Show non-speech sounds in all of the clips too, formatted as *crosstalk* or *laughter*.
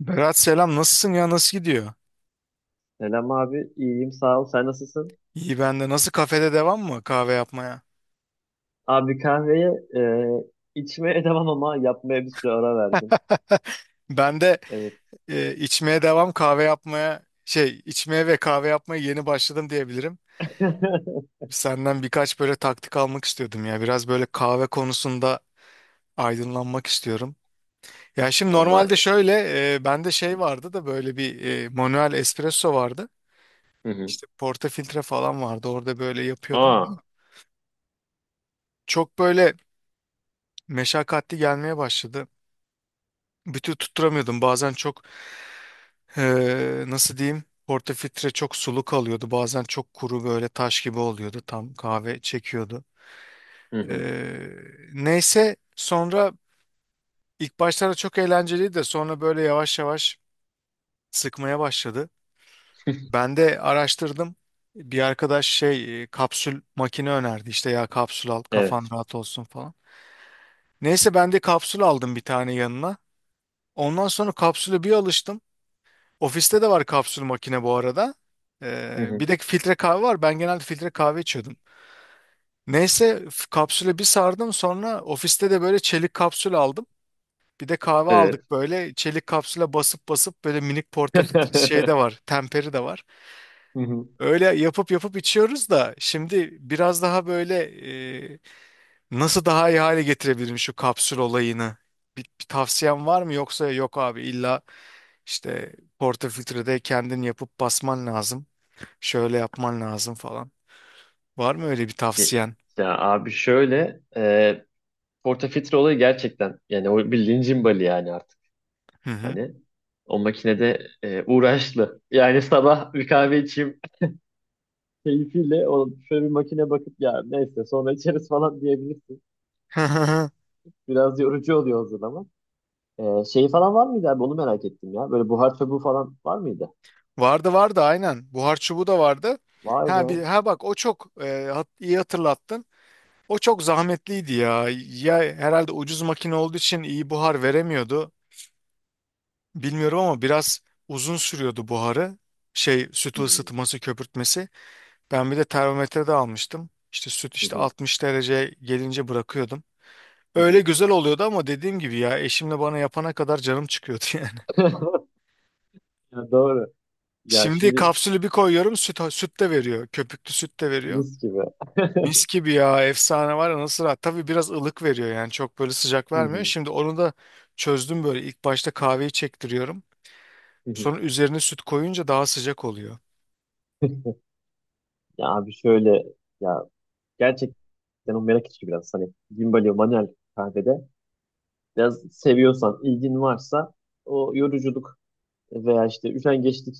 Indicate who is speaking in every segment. Speaker 1: Berat, selam, nasılsın ya, nasıl gidiyor?
Speaker 2: Selam abi, iyiyim sağ ol. Sen nasılsın?
Speaker 1: İyi ben de. Nasıl, kafede devam mı kahve yapmaya?
Speaker 2: Abi kahveye e, içmeye *laughs* devam ama yapmaya bir süre ara verdim.
Speaker 1: Ben de
Speaker 2: Evet.
Speaker 1: içmeye devam, kahve yapmaya şey içmeye ve kahve yapmaya yeni başladım diyebilirim.
Speaker 2: *laughs*
Speaker 1: Senden birkaç böyle taktik almak istiyordum ya, biraz böyle kahve konusunda aydınlanmak istiyorum. Ya şimdi normalde
Speaker 2: Vallahi.
Speaker 1: şöyle, bende şey vardı da, böyle bir manuel espresso vardı.
Speaker 2: Hı hı.
Speaker 1: İşte portafiltre falan vardı, orada böyle yapıyordum.
Speaker 2: Aa.
Speaker 1: Çok böyle meşakkatli gelmeye başladı. Bütün tutturamıyordum, bazen çok. Nasıl diyeyim? Portafiltre çok sulu kalıyordu. Bazen çok kuru, böyle taş gibi oluyordu. Tam kahve çekiyordu.
Speaker 2: Hı hı.
Speaker 1: Ee, neyse sonra, ilk başlarda çok eğlenceliydi de sonra böyle yavaş yavaş sıkmaya başladı.
Speaker 2: *laughs*
Speaker 1: Ben de araştırdım. Bir arkadaş şey, kapsül makine önerdi. İşte, ya kapsül al, kafan
Speaker 2: Evet.
Speaker 1: rahat olsun falan. Neyse, ben de kapsül aldım bir tane yanına. Ondan sonra kapsüle bir alıştım. Ofiste de var kapsül makine bu arada.
Speaker 2: Hı
Speaker 1: Ee,
Speaker 2: hı.
Speaker 1: bir de filtre kahve var. Ben genelde filtre kahve içiyordum. Neyse, kapsüle bir sardım, sonra ofiste de böyle çelik kapsül aldım. Bir de kahve
Speaker 2: Evet.
Speaker 1: aldık, böyle çelik kapsüle basıp basıp, böyle minik
Speaker 2: *laughs*
Speaker 1: portafiltre şey de
Speaker 2: Hı
Speaker 1: var. Temperi de var.
Speaker 2: hı.
Speaker 1: Öyle yapıp yapıp içiyoruz da şimdi biraz daha böyle, e, nasıl daha iyi hale getirebilirim şu kapsül olayını? Bir tavsiyen var mı, yoksa yok abi, illa işte portafiltrede kendin yapıp basman lazım, şöyle yapman lazım falan? Var mı öyle bir
Speaker 2: Ye-
Speaker 1: tavsiyen?
Speaker 2: Ya abi şöyle portafitre olayı gerçekten, yani o bildiğin cimbali yani artık
Speaker 1: Hı hı.
Speaker 2: hani o makinede uğraşlı. Yani *laughs* sabah bir kahve içeyim, *laughs* keyfiyle o şöyle bir makine bakıp ya neyse sonra içeriz falan diyebilirsin.
Speaker 1: *laughs*
Speaker 2: Biraz yorucu oluyor o zaman. Şey falan var mıydı abi? Onu merak ettim ya. Böyle buhar çubuğu falan var mıydı?
Speaker 1: Vardı vardı, aynen. Buhar çubuğu da vardı.
Speaker 2: Vay
Speaker 1: Ha
Speaker 2: be.
Speaker 1: bir ha bak, o çok iyi hatırlattın. O çok zahmetliydi ya. Ya herhalde ucuz makine olduğu için iyi buhar veremiyordu. Bilmiyorum ama biraz uzun sürüyordu buharı. Şey,
Speaker 2: Hı
Speaker 1: sütü
Speaker 2: hı,
Speaker 1: ısıtması, köpürtmesi. Ben bir de termometre de almıştım. İşte süt,
Speaker 2: hı
Speaker 1: işte
Speaker 2: hı,
Speaker 1: 60 derece gelince bırakıyordum.
Speaker 2: hı
Speaker 1: Öyle
Speaker 2: hı.
Speaker 1: güzel oluyordu ama dediğim gibi ya, eşimle bana yapana kadar canım çıkıyordu *laughs* yani.
Speaker 2: *laughs* Ya doğru. Ya
Speaker 1: Şimdi
Speaker 2: şimdi
Speaker 1: kapsülü bir koyuyorum, süt, süt de veriyor. Köpüklü süt de veriyor.
Speaker 2: mis gibi. *laughs*
Speaker 1: Mis gibi ya, efsane, var ya nasıl rahat. Tabii biraz ılık veriyor, yani çok böyle sıcak
Speaker 2: Hı
Speaker 1: vermiyor.
Speaker 2: hı,
Speaker 1: Şimdi onu da çözdüm, böyle ilk başta kahveyi çektiriyorum.
Speaker 2: hı hı.
Speaker 1: Sonra üzerine süt koyunca daha sıcak oluyor.
Speaker 2: Ya abi şöyle, ya gerçekten o merak içi biraz hani Gimbalio manuel kahvede biraz seviyorsan, ilgin varsa o yoruculuk veya işte üşengeçlik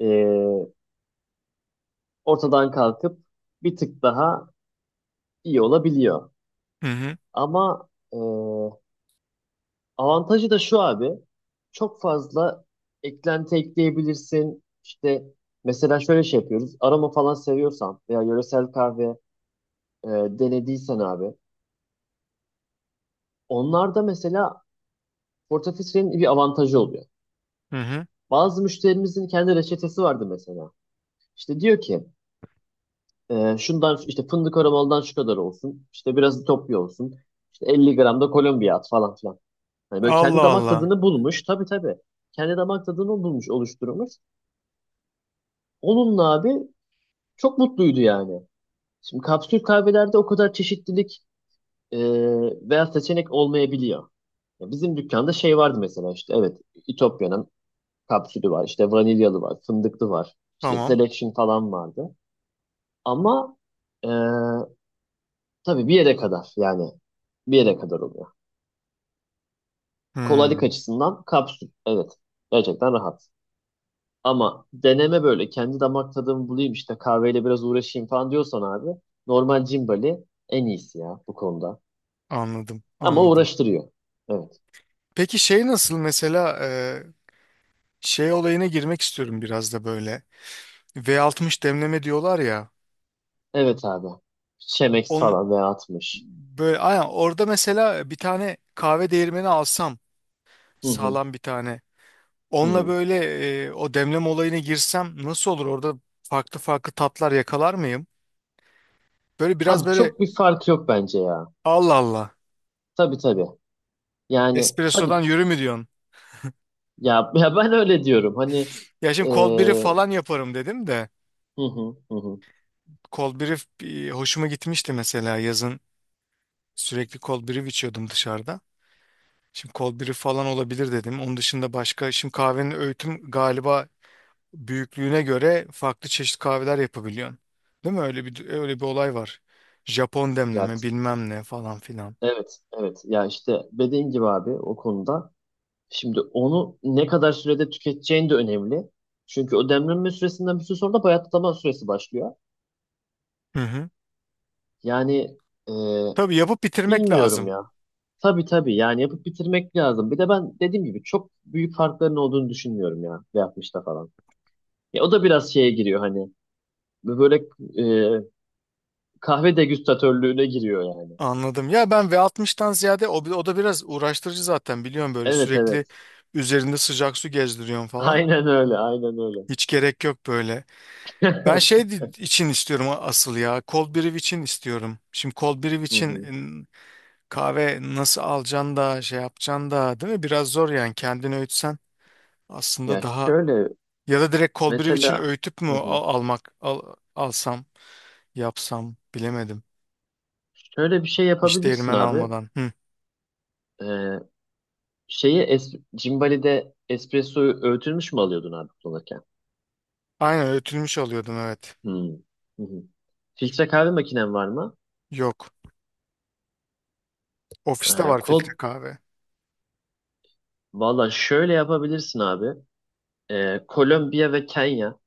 Speaker 2: eee ortadan kalkıp bir tık daha iyi olabiliyor.
Speaker 1: Hı hı
Speaker 2: Ama avantajı da şu abi. Çok fazla eklenti ekleyebilirsin. İşte mesela şöyle şey yapıyoruz. Aroma falan seviyorsan veya yöresel kahve e, denediysen abi. Onlarda mesela portafiltrenin bir avantajı oluyor.
Speaker 1: hı hı.
Speaker 2: Bazı müşterimizin kendi reçetesi vardı mesela. İşte diyor ki şundan işte fındık aromalıdan şu kadar olsun. İşte biraz Etiyopya olsun. İşte 50 gram da Kolombiya at falan filan. Hani böyle kendi
Speaker 1: Allah
Speaker 2: damak
Speaker 1: Allah.
Speaker 2: tadını bulmuş. Tabii tabii. Kendi damak tadını bulmuş, oluşturmuş. Onunla abi çok mutluydu yani. Şimdi kapsül kahvelerde o kadar çeşitlilik e, veya seçenek olmayabiliyor. Ya bizim dükkanda şey vardı mesela, işte evet, İtopya'nın kapsülü var, işte vanilyalı var, fındıklı var, işte
Speaker 1: Tamam.
Speaker 2: selection falan vardı. Ama e, tabii bir yere kadar, yani bir yere kadar oluyor. Kolaylık
Speaker 1: Hmm,
Speaker 2: açısından kapsül evet, gerçekten rahat. Ama deneme, böyle kendi damak tadımı bulayım, işte kahveyle biraz uğraşayım falan diyorsan abi, normal Cimbali en iyisi ya bu konuda.
Speaker 1: anladım
Speaker 2: Ama
Speaker 1: anladım.
Speaker 2: uğraştırıyor. Evet.
Speaker 1: Peki şey nasıl mesela, şey olayına girmek istiyorum biraz da böyle. V60 demleme diyorlar ya.
Speaker 2: Evet abi. Şemex
Speaker 1: On,
Speaker 2: falan veya atmış.
Speaker 1: böyle aynen orada mesela bir tane kahve değirmeni alsam,
Speaker 2: Hı hı.
Speaker 1: sağlam bir tane.
Speaker 2: Hı
Speaker 1: Onunla
Speaker 2: hı.
Speaker 1: böyle, o demleme olayına girsem nasıl olur? Orada farklı farklı tatlar yakalar mıyım? Böyle biraz
Speaker 2: Abi
Speaker 1: böyle.
Speaker 2: çok bir fark yok bence ya.
Speaker 1: Allah Allah.
Speaker 2: Tabii tabii. Yani tabii
Speaker 1: Espresso'dan
Speaker 2: t-
Speaker 1: yürü mü diyorsun?
Speaker 2: ya, ya ben öyle diyorum. Hani
Speaker 1: Ya şimdi cold brew
Speaker 2: eee,
Speaker 1: falan yaparım dedim de.
Speaker 2: hı hı hı hı.
Speaker 1: Cold brew hoşuma gitmişti mesela yazın. Sürekli cold brew içiyordum dışarıda. Şimdi cold brew falan olabilir dedim. Onun dışında başka, şimdi kahvenin öğütüm galiba büyüklüğüne göre farklı çeşit kahveler yapabiliyorsun. Değil mi? Öyle bir, öyle bir olay var. Japon
Speaker 2: Ya
Speaker 1: demleme
Speaker 2: t-
Speaker 1: bilmem ne falan filan.
Speaker 2: evet evet. Ya işte dediğin gibi abi o konuda. Şimdi onu ne kadar sürede tüketeceğin de önemli. Çünkü o demlenme süresinden bir süre sonra da bayatlama süresi başlıyor.
Speaker 1: Hı hı.
Speaker 2: Yani eee,
Speaker 1: Tabii, yapıp bitirmek
Speaker 2: bilmiyorum
Speaker 1: lazım.
Speaker 2: ya. Tabii tabii yani yapıp bitirmek lazım. Bir de ben dediğim gibi çok büyük farkların olduğunu düşünmüyorum ya, yapmışta falan. Ya o da biraz şeye giriyor, hani böyle e, kahve degüstatörlüğüne giriyor yani.
Speaker 1: Anladım. Ya ben V60'tan ziyade, o, o da biraz uğraştırıcı zaten, biliyorum böyle
Speaker 2: Evet evet.
Speaker 1: sürekli
Speaker 2: *laughs*
Speaker 1: üzerinde sıcak su gezdiriyorum falan.
Speaker 2: Aynen öyle, aynen öyle.
Speaker 1: Hiç gerek yok böyle. Ben
Speaker 2: *laughs*
Speaker 1: şey için istiyorum, asıl ya. Cold brew için istiyorum. Şimdi cold brew
Speaker 2: Hı
Speaker 1: için,
Speaker 2: hı.
Speaker 1: kahve nasıl alacaksın da şey yapacaksın da, değil mi? Biraz zor yani, kendini öğütsen aslında
Speaker 2: Ya
Speaker 1: daha.
Speaker 2: şöyle
Speaker 1: Ya da direkt Kolbiriv için
Speaker 2: mesela,
Speaker 1: öğütüp mü
Speaker 2: hı hı.
Speaker 1: almak alsam yapsam bilemedim.
Speaker 2: Şöyle bir şey
Speaker 1: Hiç
Speaker 2: yapabilirsin
Speaker 1: değirmen
Speaker 2: abi.
Speaker 1: almadan. Hı.
Speaker 2: Ee, şeyi Cimbali'de espressoyu öğütülmüş mü alıyordun abi kullanırken?
Speaker 1: Aynen, öğütülmüş alıyordum, evet.
Speaker 2: Hı. Hı hı. Filtre kahve makinen var mı?
Speaker 1: Yok. Ofiste var filtre
Speaker 2: Kol
Speaker 1: kahve.
Speaker 2: valla şöyle yapabilirsin abi. Kolombiya ve Kenya.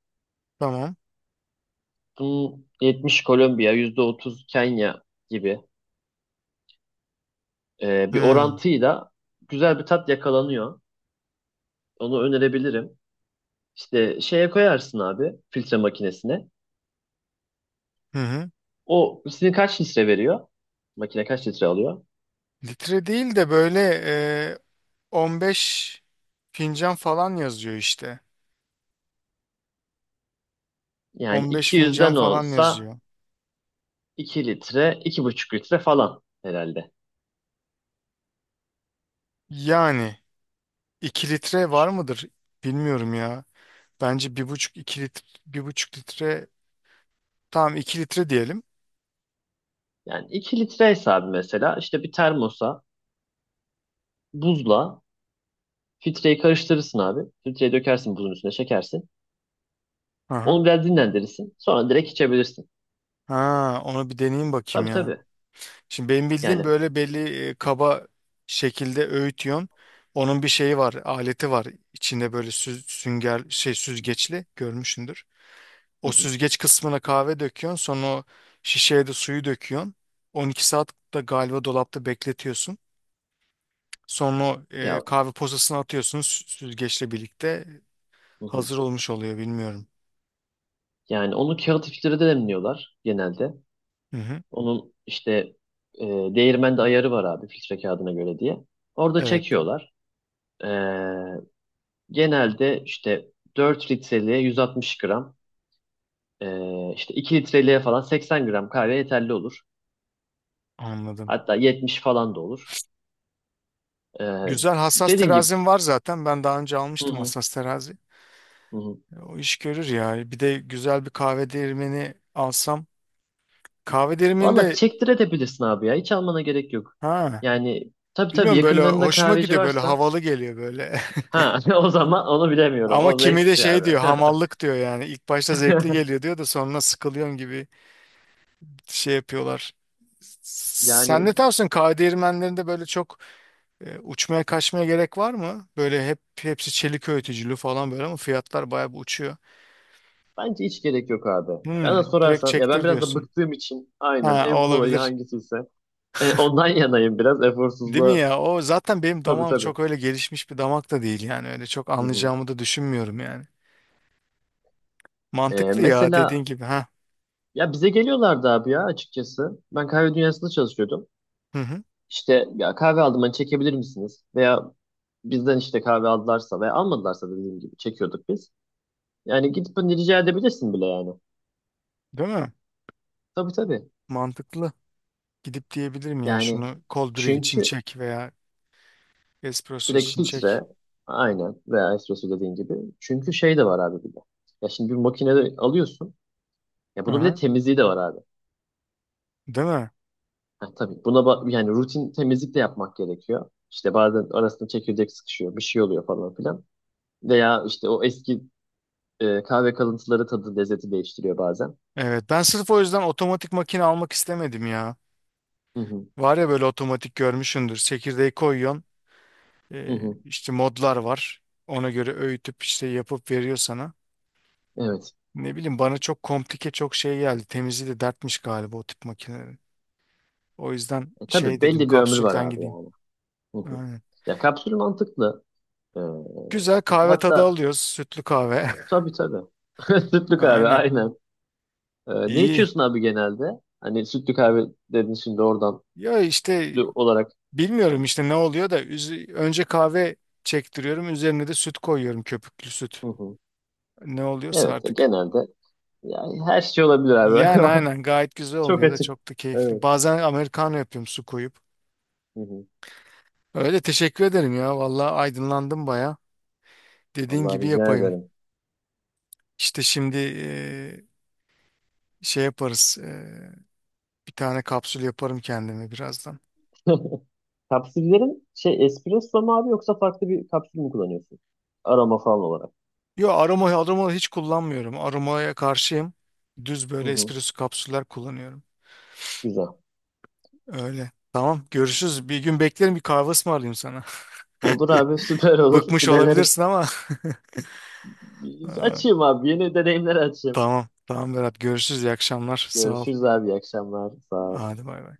Speaker 1: Tamam.
Speaker 2: Bunun 70 Kolombiya, %30 Kenya gibi bir
Speaker 1: Hı.
Speaker 2: orantıyla güzel bir tat yakalanıyor. Onu önerebilirim. İşte şeye koyarsın abi, filtre makinesine.
Speaker 1: Hı hı.
Speaker 2: O sizin kaç litre veriyor? Makine kaç litre alıyor?
Speaker 1: Litre değil de böyle, e, 15 fincan falan yazıyor işte.
Speaker 2: Yani
Speaker 1: 15 fincan
Speaker 2: 200'den
Speaker 1: falan
Speaker 2: olsa
Speaker 1: yazıyor.
Speaker 2: 2 litre, iki buçuk litre falan herhalde.
Speaker 1: Yani 2 litre var mıdır? Bilmiyorum ya. Bence bir buçuk 2 litre, 1,5 litre, tamam, 2 litre diyelim.
Speaker 2: Yani iki litre hesabı mesela, işte bir termosa buzla filtreyi karıştırırsın abi. Filtreye dökersin, buzun üstüne çekersin.
Speaker 1: Aha.
Speaker 2: Onu biraz dinlendirirsin. Sonra direkt içebilirsin.
Speaker 1: Ha, onu bir deneyeyim bakayım
Speaker 2: Tabii
Speaker 1: ya.
Speaker 2: tabii.
Speaker 1: Şimdi benim bildiğim
Speaker 2: Yani
Speaker 1: böyle belli, kaba şekilde öğütüyorsun. Onun bir şeyi var, aleti var. İçinde böyle sünger şey süzgeçli görmüşsündür.
Speaker 2: hı
Speaker 1: O
Speaker 2: hı.
Speaker 1: süzgeç kısmına kahve döküyorsun, sonra o şişeye de suyu döküyorsun. 12 saat de galiba dolapta bekletiyorsun. Sonra o,
Speaker 2: Ya
Speaker 1: kahve posasını atıyorsun, süzgeçle birlikte.
Speaker 2: hı hı.
Speaker 1: Hazır olmuş oluyor bilmiyorum.
Speaker 2: Yani onu kağıt filtrede demliyorlar genelde.
Speaker 1: Hı hı.
Speaker 2: Onun işte değirmende ayarı var abi, filtre kağıdına göre diye. Orada
Speaker 1: Evet,
Speaker 2: çekiyorlar. E, genelde işte 4 litreliğe 160 gram, işte 2 litreliğe falan 80 gram kahve yeterli olur.
Speaker 1: anladım.
Speaker 2: Hatta 70 falan da olur. E,
Speaker 1: Güzel, hassas
Speaker 2: dediğim gibi
Speaker 1: terazim var zaten. Ben daha önce
Speaker 2: hı
Speaker 1: almıştım
Speaker 2: hı.
Speaker 1: hassas terazi.
Speaker 2: Hı hı.
Speaker 1: O iş görür ya. Bir de güzel bir kahve değirmeni alsam. Kahve
Speaker 2: Valla
Speaker 1: değirmeninde,
Speaker 2: çektirebilirsin abi ya. Hiç almana gerek yok.
Speaker 1: ha,
Speaker 2: Yani tabii tabii
Speaker 1: bilmiyorum, böyle
Speaker 2: yakınlarında
Speaker 1: hoşuma
Speaker 2: kahveci
Speaker 1: gidiyor, böyle
Speaker 2: varsa,
Speaker 1: havalı geliyor böyle.
Speaker 2: ha *laughs* o zaman onu
Speaker 1: *laughs*
Speaker 2: bilemiyorum.
Speaker 1: Ama
Speaker 2: O zevk
Speaker 1: kimi de
Speaker 2: işi
Speaker 1: şey
Speaker 2: abi.
Speaker 1: diyor, hamallık diyor yani. İlk başta zevkli geliyor
Speaker 2: *laughs*
Speaker 1: diyor da sonra sıkılıyorum gibi şey yapıyorlar. Sen
Speaker 2: Yani
Speaker 1: ne tarafsın? Kahve değirmenlerinde böyle çok, uçmaya kaçmaya gerek var mı? Böyle hep hepsi çelik öğütücülü falan böyle, ama fiyatlar bayağı bir uçuyor.
Speaker 2: bence hiç gerek yok abi. Bana
Speaker 1: Hmm, direkt
Speaker 2: sorarsan ya, ben
Speaker 1: çektir
Speaker 2: biraz da
Speaker 1: diyorsun.
Speaker 2: bıktığım için aynen
Speaker 1: Ha, o
Speaker 2: en kolayı
Speaker 1: olabilir.
Speaker 2: hangisiyse ondan *laughs* yanayım, biraz
Speaker 1: Değil mi
Speaker 2: eforsuzluğa.
Speaker 1: ya? O zaten benim
Speaker 2: Tabii
Speaker 1: damağım
Speaker 2: tabii.
Speaker 1: çok öyle gelişmiş bir damak da değil yani. Öyle çok
Speaker 2: Hı hı.
Speaker 1: anlayacağımı da düşünmüyorum yani.
Speaker 2: E,
Speaker 1: Mantıklı ya, dediğin
Speaker 2: mesela
Speaker 1: gibi. Ha.
Speaker 2: ya bize geliyorlardı abi ya, açıkçası. Ben kahve dünyasında çalışıyordum.
Speaker 1: Hı hı.
Speaker 2: İşte ya kahve aldım, hani çekebilir misiniz? Veya bizden işte kahve aldılarsa veya almadılarsa dediğim gibi çekiyorduk biz. Yani gidip hani rica edebilirsin bile yani.
Speaker 1: Değil mi?
Speaker 2: Tabii tabii.
Speaker 1: Mantıklı. Gidip diyebilirim ya,
Speaker 2: Yani
Speaker 1: şunu cold brew için
Speaker 2: çünkü
Speaker 1: çek veya espresso
Speaker 2: direkt
Speaker 1: için çek.
Speaker 2: filtre, aynen, veya espresso dediğin gibi. Çünkü şey de var abi bir de. Ya şimdi bir makinede alıyorsun. Ya
Speaker 1: Hı
Speaker 2: bunun bir de
Speaker 1: hı.
Speaker 2: temizliği de var abi.
Speaker 1: Değil mi?
Speaker 2: Ha, tabii buna yani rutin temizlik de yapmak gerekiyor. İşte bazen arasında çekirdek sıkışıyor, bir şey oluyor falan filan. Veya işte o eski kahve kalıntıları tadı lezzeti değiştiriyor bazen.
Speaker 1: Evet, ben sırf o yüzden otomatik makine almak istemedim ya.
Speaker 2: Hı hı,
Speaker 1: Var ya böyle otomatik, görmüşsündür. Çekirdeği koyuyorsun.
Speaker 2: hı hı.
Speaker 1: İşte modlar var. Ona göre öğütüp işte yapıp veriyor sana.
Speaker 2: Evet.
Speaker 1: Ne bileyim, bana çok komplike çok şey geldi. Temizliği de dertmiş galiba o tip makinelerin. O yüzden
Speaker 2: E,
Speaker 1: şey
Speaker 2: tabii
Speaker 1: dedim,
Speaker 2: belli bir ömrü var
Speaker 1: kapsülden
Speaker 2: abi
Speaker 1: gideyim.
Speaker 2: yani. Hı hı.
Speaker 1: Aynen.
Speaker 2: Ya kapsül mantıklı. Ee,
Speaker 1: Güzel kahve tadı
Speaker 2: hatta
Speaker 1: alıyoruz. Sütlü kahve.
Speaker 2: tabii tabii. *laughs*
Speaker 1: *laughs*
Speaker 2: Sütlü kahve
Speaker 1: Aynen.
Speaker 2: aynen. Ne
Speaker 1: İyi.
Speaker 2: içiyorsun abi genelde? Hani sütlü kahve dedin şimdi oradan
Speaker 1: Ya işte
Speaker 2: sütlü olarak.
Speaker 1: bilmiyorum işte ne oluyor da önce kahve çektiriyorum. Üzerine de süt koyuyorum, köpüklü süt.
Speaker 2: Hı hı.
Speaker 1: Ne oluyorsa
Speaker 2: Evet,
Speaker 1: artık.
Speaker 2: genelde yani her şey olabilir abi.
Speaker 1: Yani aynen gayet güzel
Speaker 2: *laughs* Çok
Speaker 1: oluyor da
Speaker 2: açık.
Speaker 1: çok da keyifli.
Speaker 2: Evet.
Speaker 1: Bazen americano yapıyorum, su koyup.
Speaker 2: Hı hı.
Speaker 1: Öyle, teşekkür ederim ya. Vallahi aydınlandım baya. Dediğin
Speaker 2: Vallahi
Speaker 1: gibi
Speaker 2: rica
Speaker 1: yapayım.
Speaker 2: ederim.
Speaker 1: İşte şimdi, şey yaparız. Bir tane kapsül yaparım kendime birazdan.
Speaker 2: *laughs* Kapsüllerin şey espresso mu abi, yoksa farklı bir kapsül mü kullanıyorsun? Aroma falan olarak.
Speaker 1: Yo, aroma, aroma hiç kullanmıyorum. Aromaya karşıyım. Düz
Speaker 2: Hı
Speaker 1: böyle
Speaker 2: hı.
Speaker 1: espresso kapsüller kullanıyorum.
Speaker 2: Güzel.
Speaker 1: Öyle. Tamam, görüşürüz. Bir gün beklerim, bir kahve ısmarlayayım sana.
Speaker 2: Olur
Speaker 1: *laughs*
Speaker 2: abi, *laughs* süper olur.
Speaker 1: Bıkmış
Speaker 2: Bir deneriz.
Speaker 1: olabilirsin ama. *laughs* Ee,
Speaker 2: Açayım abi. Yeni deneyimler açayım.
Speaker 1: Tamam. Tamam Berat, görüşürüz. İyi akşamlar. Sağ ol.
Speaker 2: Görüşürüz abi. İyi akşamlar. Sağ ol.
Speaker 1: Hadi, bay bay.